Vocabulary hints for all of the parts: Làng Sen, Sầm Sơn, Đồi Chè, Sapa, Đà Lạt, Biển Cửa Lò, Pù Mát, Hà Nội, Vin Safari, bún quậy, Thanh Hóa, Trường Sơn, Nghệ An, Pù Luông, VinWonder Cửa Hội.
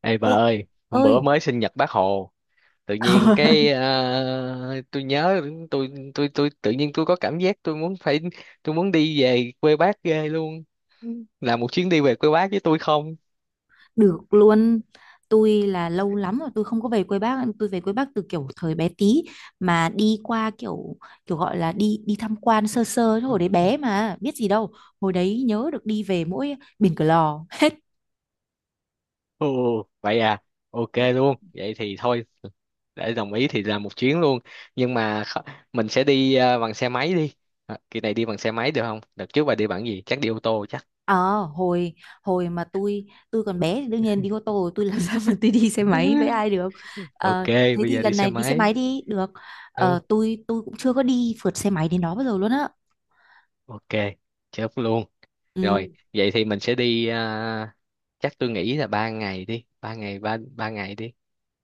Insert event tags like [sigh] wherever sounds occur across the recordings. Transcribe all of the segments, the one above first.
Ê bà Nhi- ơi, hôm ơi bữa mới sinh nhật bác Hồ, tự nhiên [laughs] tôi nhớ tôi tự nhiên tôi có cảm giác tôi muốn phải tôi muốn đi về quê bác ghê luôn. Là một chuyến đi về quê bác với tôi không? được luôn. Tôi lâu lắm rồi tôi không có về quê bác. Tôi về quê bác từ kiểu thời bé tí mà đi qua kiểu, gọi là đi đi tham quan sơ sơ chứ hồi đấy bé mà biết gì đâu. Hồi đấy nhớ được đi về mỗi Biển Cửa Lò. Ồ, vậy à, ok [laughs] luôn. Vậy thì thôi, để đồng ý thì làm một chuyến luôn. Nhưng mà kh- mình sẽ đi bằng xe máy đi. À, kỳ này đi bằng xe máy được không? Đợt trước bà đi bằng gì? Chắc đi ô tô chắc. ờ hồi Hồi mà tôi còn bé thì đương nhiên đi ô tô rồi, tôi làm [laughs] sao mà tôi đi xe máy với [laughs] ai được. Ok, Ờ, thế bây thì giờ đi lần xe này đi xe máy. máy đi được. Ừ, Ờ, tôi cũng chưa có đi phượt xe máy đến đó bao giờ luôn á. ok, chốt luôn. Rồi, Ừ. vậy thì mình sẽ chắc tôi nghĩ là ba ngày đi, ba ngày đi.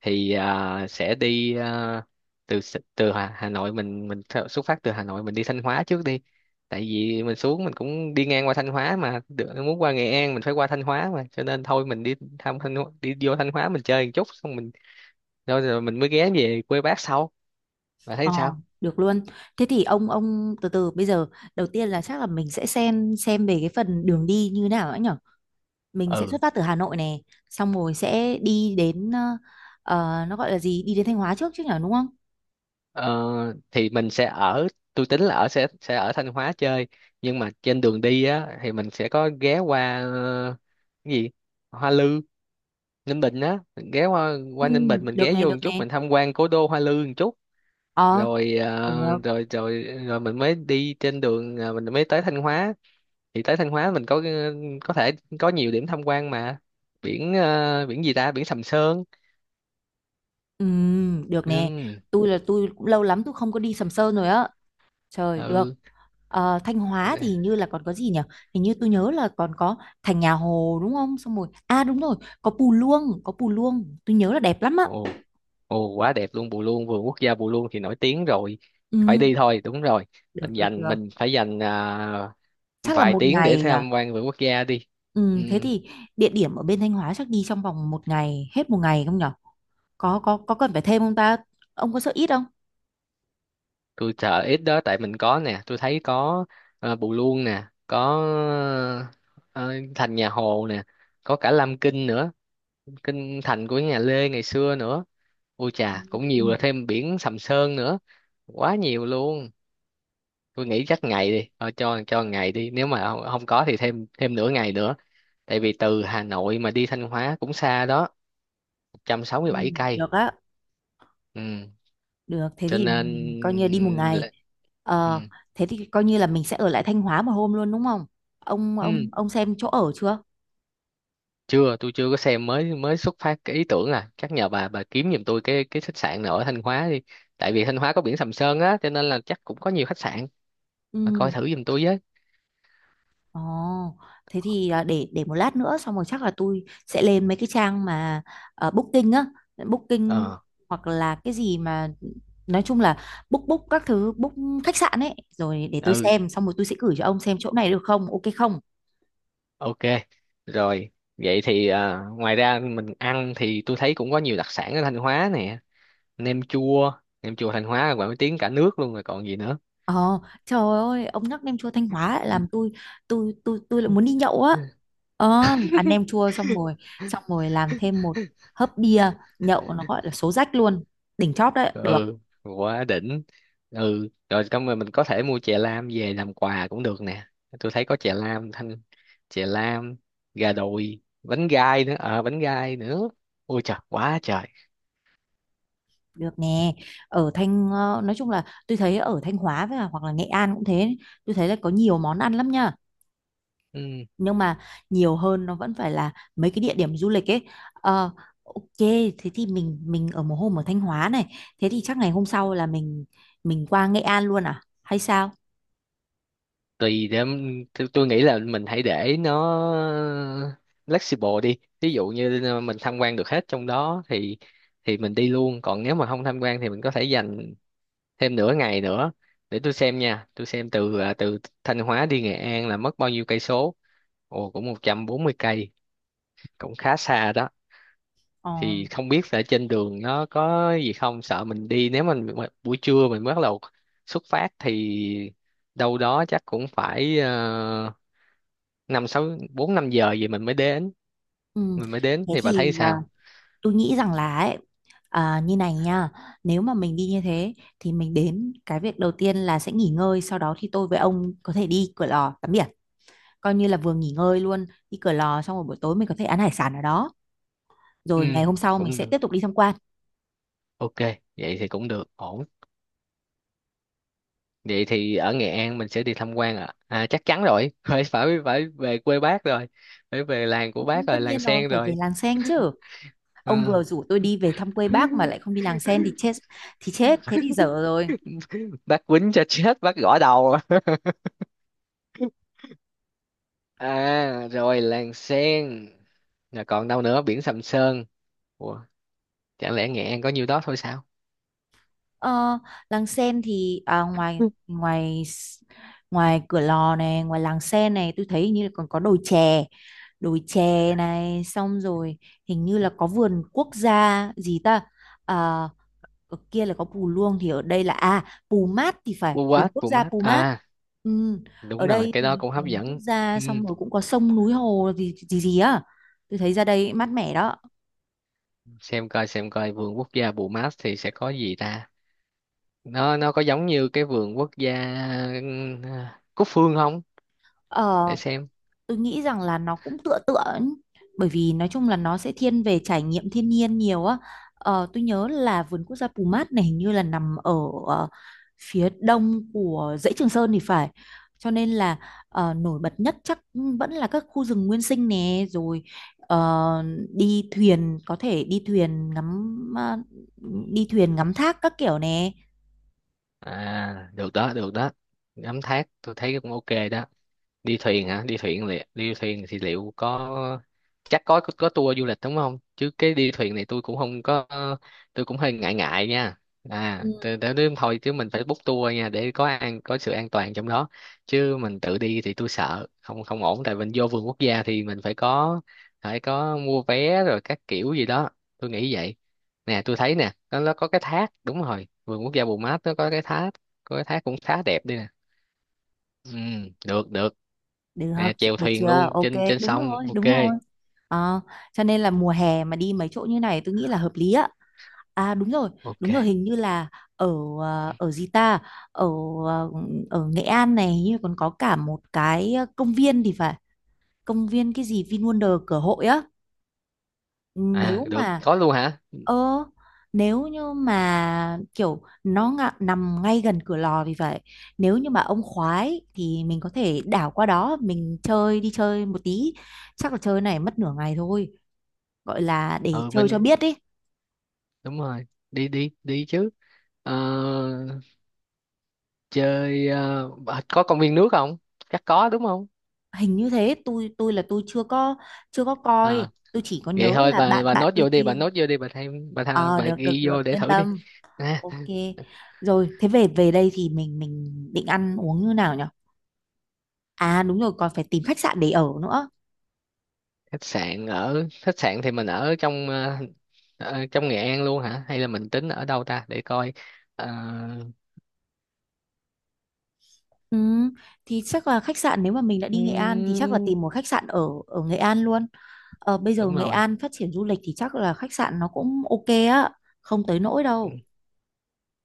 Sẽ từ S- từ Hà, Hà Nội xuất phát từ Hà Nội mình đi Thanh Hóa trước đi. Tại vì mình xuống mình cũng đi ngang qua Thanh Hóa mà được, muốn qua Nghệ An mình phải qua Thanh Hóa mà, cho nên thôi mình đi thăm đi vô Thanh Hóa mình chơi một chút xong mình rồi, rồi mình mới ghé về quê bác sau. Bạn thấy Ờ, sao? được luôn. Thế thì ông từ từ bây giờ đầu tiên là chắc là mình sẽ xem về cái phần đường đi như nào ấy nhở. Mình sẽ Ừ. xuất phát từ Hà Nội này, xong rồi sẽ đi đến, nó gọi là gì? Đi đến Thanh Hóa trước chứ nhở, đúng không? Ờ, thì mình sẽ ở tôi tính là ở sẽ ở Thanh Hóa chơi nhưng mà trên đường đi á thì mình sẽ có ghé qua cái gì Hoa Lư Ninh Bình á ghé qua Ừ, qua Ninh Bình mình được ghé này, vô một được chút này. mình tham quan cố đô Hoa Lư một chút Ờ, rồi ờ, được. rồi rồi rồi mình mới đi trên đường, mình mới tới Thanh Hóa thì tới Thanh Hóa mình có thể có nhiều điểm tham quan mà biển gì ta biển Sầm Sơn Ừ, được nè. ừ, Tôi là tôi cũng lâu lắm tôi không có đi Sầm Sơn rồi á. Trời được. ừ. Ờ, Thanh Hóa thì hình như là còn có gì nhỉ? Hình như tôi nhớ là còn có thành nhà Hồ đúng không? Xong rồi. À đúng rồi, có Pù Luông, có Pù Luông. Tôi nhớ là đẹp lắm á. Ồ, Ồ quá đẹp luôn Bù Luông, vườn quốc gia Bù Luông thì nổi tiếng rồi, phải Ừ, đi thôi, đúng rồi. Mình được được dành được. mình phải dành Chắc là vài một tiếng để ngày à? tham quan vườn quốc gia đi. Ừ, Ừ, thế thì địa điểm ở bên Thanh Hóa chắc đi trong vòng một ngày, hết một ngày không nhỉ? Có cần phải thêm không ta? Ông có sợ ít không? tôi sợ ít đó tại mình có nè, tôi thấy có Bù Luông nè, có ờ, thành nhà Hồ nè, có cả Lam Kinh nữa, kinh thành của nhà Lê ngày xưa nữa. Ôi Ừ, chà cũng nhiều, là thêm biển Sầm Sơn nữa, quá nhiều luôn. Tôi nghĩ chắc ngày đi thôi, cho ngày đi, nếu mà không, không có thì thêm thêm nửa ngày nữa. Tại vì từ Hà Nội mà đi Thanh Hóa cũng xa đó, ừ, 167 cây. được á. Ừ. Được, thế Cho thì nên mình coi như đi một ngày. là- ừ. Ờ, thế thì coi như là mình sẽ ở lại Thanh Hóa một hôm luôn đúng không? Ông Ừ. ông ông xem chỗ ở chưa? Chưa, tôi chưa có xem, mới mới xuất phát cái ý tưởng à, chắc nhờ bà kiếm giùm tôi cái khách sạn nào ở Thanh Hóa đi. Tại vì Thanh Hóa có biển Sầm Sơn á cho nên là chắc cũng có nhiều khách sạn. Bà coi Ừ. thử giùm tôi với. Ồ, thế thì, để một lát nữa xong rồi chắc là tôi sẽ lên mấy cái trang mà, booking á, booking Ờ hoặc là cái gì mà nói chung là book book các thứ book khách sạn ấy rồi để tôi ừ xem xong rồi tôi sẽ gửi cho ông xem chỗ này được không? Ok không? Ok, rồi vậy thì ngoài ra mình ăn thì tôi thấy cũng có nhiều đặc sản ở Thanh Hóa nè, nem chua, nem chua Thanh Hóa là nổi tiếng cả nước luôn rồi còn gì nữa. Ờ, trời ơi, ông nhắc nem chua Thanh Hóa lại làm tôi, tôi lại muốn đi [laughs] nhậu á. Ờ, ăn nem chua xong rồi làm thêm một hớp bia, nhậu nó gọi là số rách luôn, đỉnh chóp đấy, được, Ừ, quá đỉnh. Ừ, rồi xong rồi mình có thể mua chè lam về làm quà cũng được nè. Tôi thấy có chè lam Thanh, chè lam, gà đùi, bánh gai nữa, ờ bánh gai nữa. Ôi trời, quá trời. được nè. Ở Thanh, nói chung là tôi thấy ở Thanh Hóa với cả hoặc là Nghệ An cũng thế, tôi thấy là có nhiều món ăn lắm nha. Ừ. Nhưng mà nhiều hơn nó vẫn phải là mấy cái địa điểm du lịch ấy. Ờ, ok, thế thì mình ở một hôm ở Thanh Hóa này, thế thì chắc ngày hôm sau là mình qua Nghệ An luôn à hay sao? Tùy tôi nghĩ là mình hãy để nó flexible đi, ví dụ như mình tham quan được hết trong đó thì mình đi luôn, còn nếu mà không tham quan thì mình có thể dành thêm nửa ngày nữa. Để tôi xem nha, tôi xem từ Thanh Hóa đi Nghệ An là mất bao nhiêu cây số. Ồ cũng 140 cây, cũng khá xa đó. ờ, Thì không biết là trên đường nó có gì không, sợ mình đi nếu mình mà buổi trưa mình bắt đầu xuất phát thì đâu đó chắc cũng phải năm sáu bốn năm giờ gì mình mới đến, ừ. mình mới đến Thế thì bà thấy thì, sao. tôi nghĩ rằng là ấy, à, như này nha, nếu mà mình đi như thế thì mình đến cái việc đầu tiên là sẽ nghỉ ngơi, sau đó thì tôi với ông có thể đi Cửa Lò tắm biển, coi như là vừa nghỉ ngơi luôn. Đi Cửa Lò xong rồi buổi tối mình có thể ăn hải sản ở đó, Ừ rồi ngày hôm sau mình cũng sẽ được, tiếp tục đi tham quan. ok, vậy thì cũng được ổn. Vậy thì ở Nghệ An mình sẽ đi tham quan ạ à? Chắc chắn rồi [laughs] phải phải phải về quê bác rồi, phải về làng của Ừ, bác tất rồi, làng nhiên rồi, sen phải về rồi. làng sen chứ. Ông vừa Ừ. rủ tôi đi về thăm quê bác mà lại [laughs] không đi làng sen thì chết, thì chết, thế thì dở rồi. Bác quýnh cho chết, bác gõ đầu. À rồi làng sen, rồi còn đâu nữa, biển Sầm Sơn. Ủa, chẳng lẽ Nghệ An có nhiêu đó thôi sao. Ờ, làng sen thì, ngoài [laughs] ngoài s- ngoài cửa lò này, ngoài làng sen này tôi thấy hình như là còn có đồi chè. Đồi chè này xong rồi hình như Ừ. là có vườn quốc gia gì ta? À, ở kia là có Pù Luông thì ở đây là, Pù Mát thì phải, vườn What quốc gia Pumat Pù Mát. à, Ừ. đúng Ở rồi, đây cái đó thì cũng hấp vườn quốc dẫn. gia Ừ. xong rồi cũng có sông núi hồ gì gì, gì á. Tôi thấy ra đây mát mẻ đó. Xem coi, xem coi vườn quốc gia Bumat thì sẽ có gì ta, nó có giống như cái vườn quốc gia ừm, Cúc Phương không, ờ để xem. tôi nghĩ rằng là nó cũng tựa tựa ấy. Bởi vì nói chung là nó sẽ thiên về trải nghiệm thiên nhiên nhiều á. Ờ, tôi nhớ là vườn quốc gia Pù Mát này hình như là nằm ở, ờ, phía đông của dãy Trường Sơn thì phải, cho nên là, nổi bật nhất chắc vẫn là các khu rừng nguyên sinh nè rồi, ờ, đi thuyền có thể đi thuyền ngắm, đi thuyền ngắm thác các kiểu nè. À được đó, được đó, ngắm thác tôi thấy cũng ok đó. Đi thuyền hả, đi thuyền liệu, đi thuyền thì liệu có, chắc có tour du lịch đúng không, chứ cái đi thuyền này tôi cũng không có, tôi cũng hơi ngại ngại nha. À để thôi, chứ mình phải book tour nha để có an có sự an toàn trong đó, chứ mình tự đi thì tôi sợ không không ổn, tại mình vô vườn quốc gia thì mình phải có mua vé rồi các kiểu gì đó, tôi nghĩ vậy. Nè tôi thấy nè nó có cái thác, đúng rồi, vườn quốc gia Bù Mát nó có cái thác, có cái thác cũng khá đẹp đây nè. Ừ, được được Được, nè, chèo được thuyền chưa? luôn Ok, trên trên đúng sông, rồi, ok đúng rồi. Ờ, cho nên là mùa hè mà đi mấy chỗ như này tôi nghĩ là hợp lý á. À ok. đúng rồi, hình như là ở, ờ, ở gì ta? Ở ờ, ở Nghệ An này hình như còn có cả một cái, công viên thì phải. Công viên cái gì VinWonder Cửa Hội á. Ừ. À Nếu được, mà, có luôn hả. ơ, nếu như mà kiểu nó nằm ngay gần cửa lò vì vậy, nếu như mà ông khoái thì mình có thể đảo qua đó mình chơi, đi chơi một tí, chắc là chơi này mất nửa ngày thôi, gọi là để Ừ chơi cho mình biết đi. đúng rồi, đi đi đi chứ. Ờ, có công viên nước không, chắc có đúng không. Hình như thế, tôi chưa có, chưa có coi. Ờ, Tôi chỉ có vậy nhớ thôi là bà bạn bà bạn nốt tôi vô đi, bà kêu. nốt vô đi, bà thêm Ờ, bà được được ghi vô được để yên thử đi. tâm. Nè, Ok, rồi thế về về đây thì mình định ăn uống như nào nhỉ? À đúng rồi, còn phải tìm khách sạn để ở nữa. khách sạn, ở khách sạn thì mình ở trong trong Nghệ An luôn hả, hay là mình tính ở đâu ta, để coi. Ờ, Ừ, thì chắc là khách sạn nếu mà mình đã đi Nghệ An thì chắc là ừm, tìm một khách sạn ở ở Nghệ An luôn. Ờ, bây giờ đúng Nghệ rồi, An phát triển du lịch thì chắc là khách sạn nó cũng ok á, không tới nỗi đâu.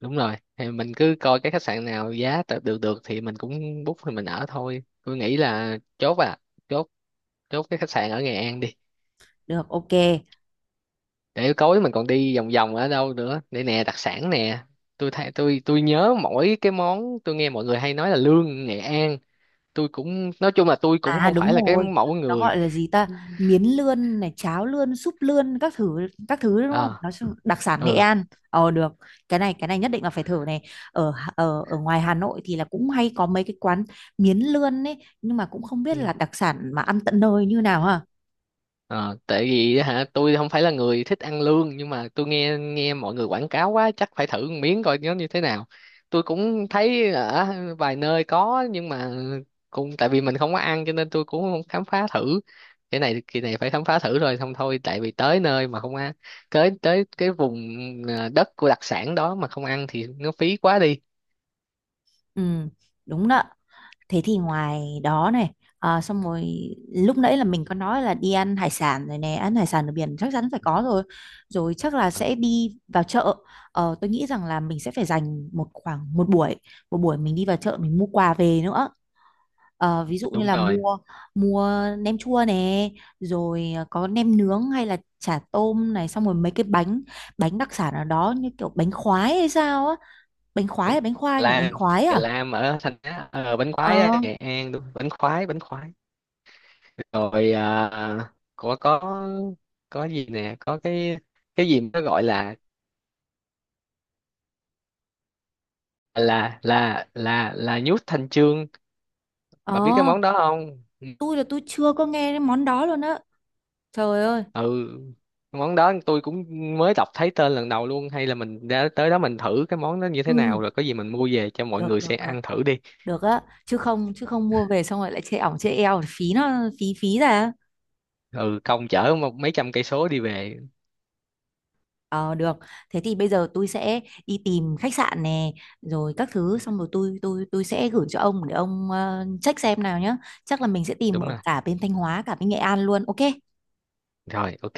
đúng rồi, thì mình cứ coi cái khách sạn nào giá tạm được được thì mình cũng book thì mình ở thôi, tôi nghĩ là chốt, chốt cái khách sạn ở Nghệ An đi. Được, ok. Để tối mình còn đi vòng vòng ở đâu nữa, để nè đặc sản nè, tôi thấy tôi nhớ mỗi cái món tôi nghe mọi người hay nói là lương Nghệ An, tôi cũng nói chung là tôi cũng À không phải đúng là cái rồi, mẫu nó người gọi là gì ta? Miến lươn này, cháo lươn, súp lươn các thứ, các thứ đúng không? à. Nó đặc sản Nghệ Ừ. An. Ờ được, cái này nhất định là phải thử này. Ở ở ngoài Hà Nội thì là cũng hay có mấy cái quán miến lươn ấy, nhưng mà cũng không biết là đặc sản mà ăn tận nơi như nào ha. Ờ, tại vì á hả tôi không phải là người thích ăn lương, nhưng mà tôi nghe nghe mọi người quảng cáo quá chắc phải thử một miếng coi nó như thế nào. Tôi cũng thấy ở vài nơi có nhưng mà cũng tại vì mình không có ăn cho nên tôi cũng không khám phá thử. Cái này kỳ này phải khám phá thử rồi, không thôi tại vì tới nơi mà không ăn, tới tới cái vùng đất của đặc sản đó mà không ăn thì nó phí quá đi. Ừ, đúng đó. Thế thì ngoài đó này, à, xong rồi lúc nãy là mình có nói là đi ăn hải sản rồi nè, ăn hải sản ở biển chắc chắn phải có rồi. Rồi chắc là Ờ, sẽ đi vào chợ. Ờ, tôi nghĩ rằng là mình sẽ phải dành một khoảng một buổi mình đi vào chợ mình mua quà về nữa. Ờ, ví dụ như đúng là rồi, mua mua nem chua nè, rồi ờ, có nem nướng hay là chả tôm này, xong rồi mấy cái bánh bánh đặc sản ở đó như kiểu bánh khoái hay sao á, bánh khoái hay bánh khoai nhỉ, bánh lam, khoái chè à? lam ở thành Á, bánh khoái á, Ờ. Nghệ An đúng, bánh khoái, bánh khoái rồi. Có có gì nè, có cái gì mà nó gọi là là nhút Thanh Chương, bà biết cái Ờ, món đó không. tôi là tôi chưa có nghe cái món đó luôn á. Trời ơi. Ừ món đó tôi cũng mới đọc thấy tên lần đầu luôn, hay là mình đã tới đó mình thử cái món đó như thế Ừ, nào rồi, có gì mình mua về cho mọi được người được sẽ được, ăn thử đi. được á, chứ không, chứ không mua về xong rồi lại chê ỏng chê eo, phí nó, phí phí ra. Ừ công chở một mấy trăm cây số đi về. Ờ được. Thế thì bây giờ tôi sẽ đi tìm khách sạn nè, rồi các thứ xong rồi tôi sẽ gửi cho ông để ông, check xem nào nhá. Chắc là mình sẽ tìm Đúng ở rồi, cả bên Thanh Hóa cả bên Nghệ An luôn. Ok. rồi ok.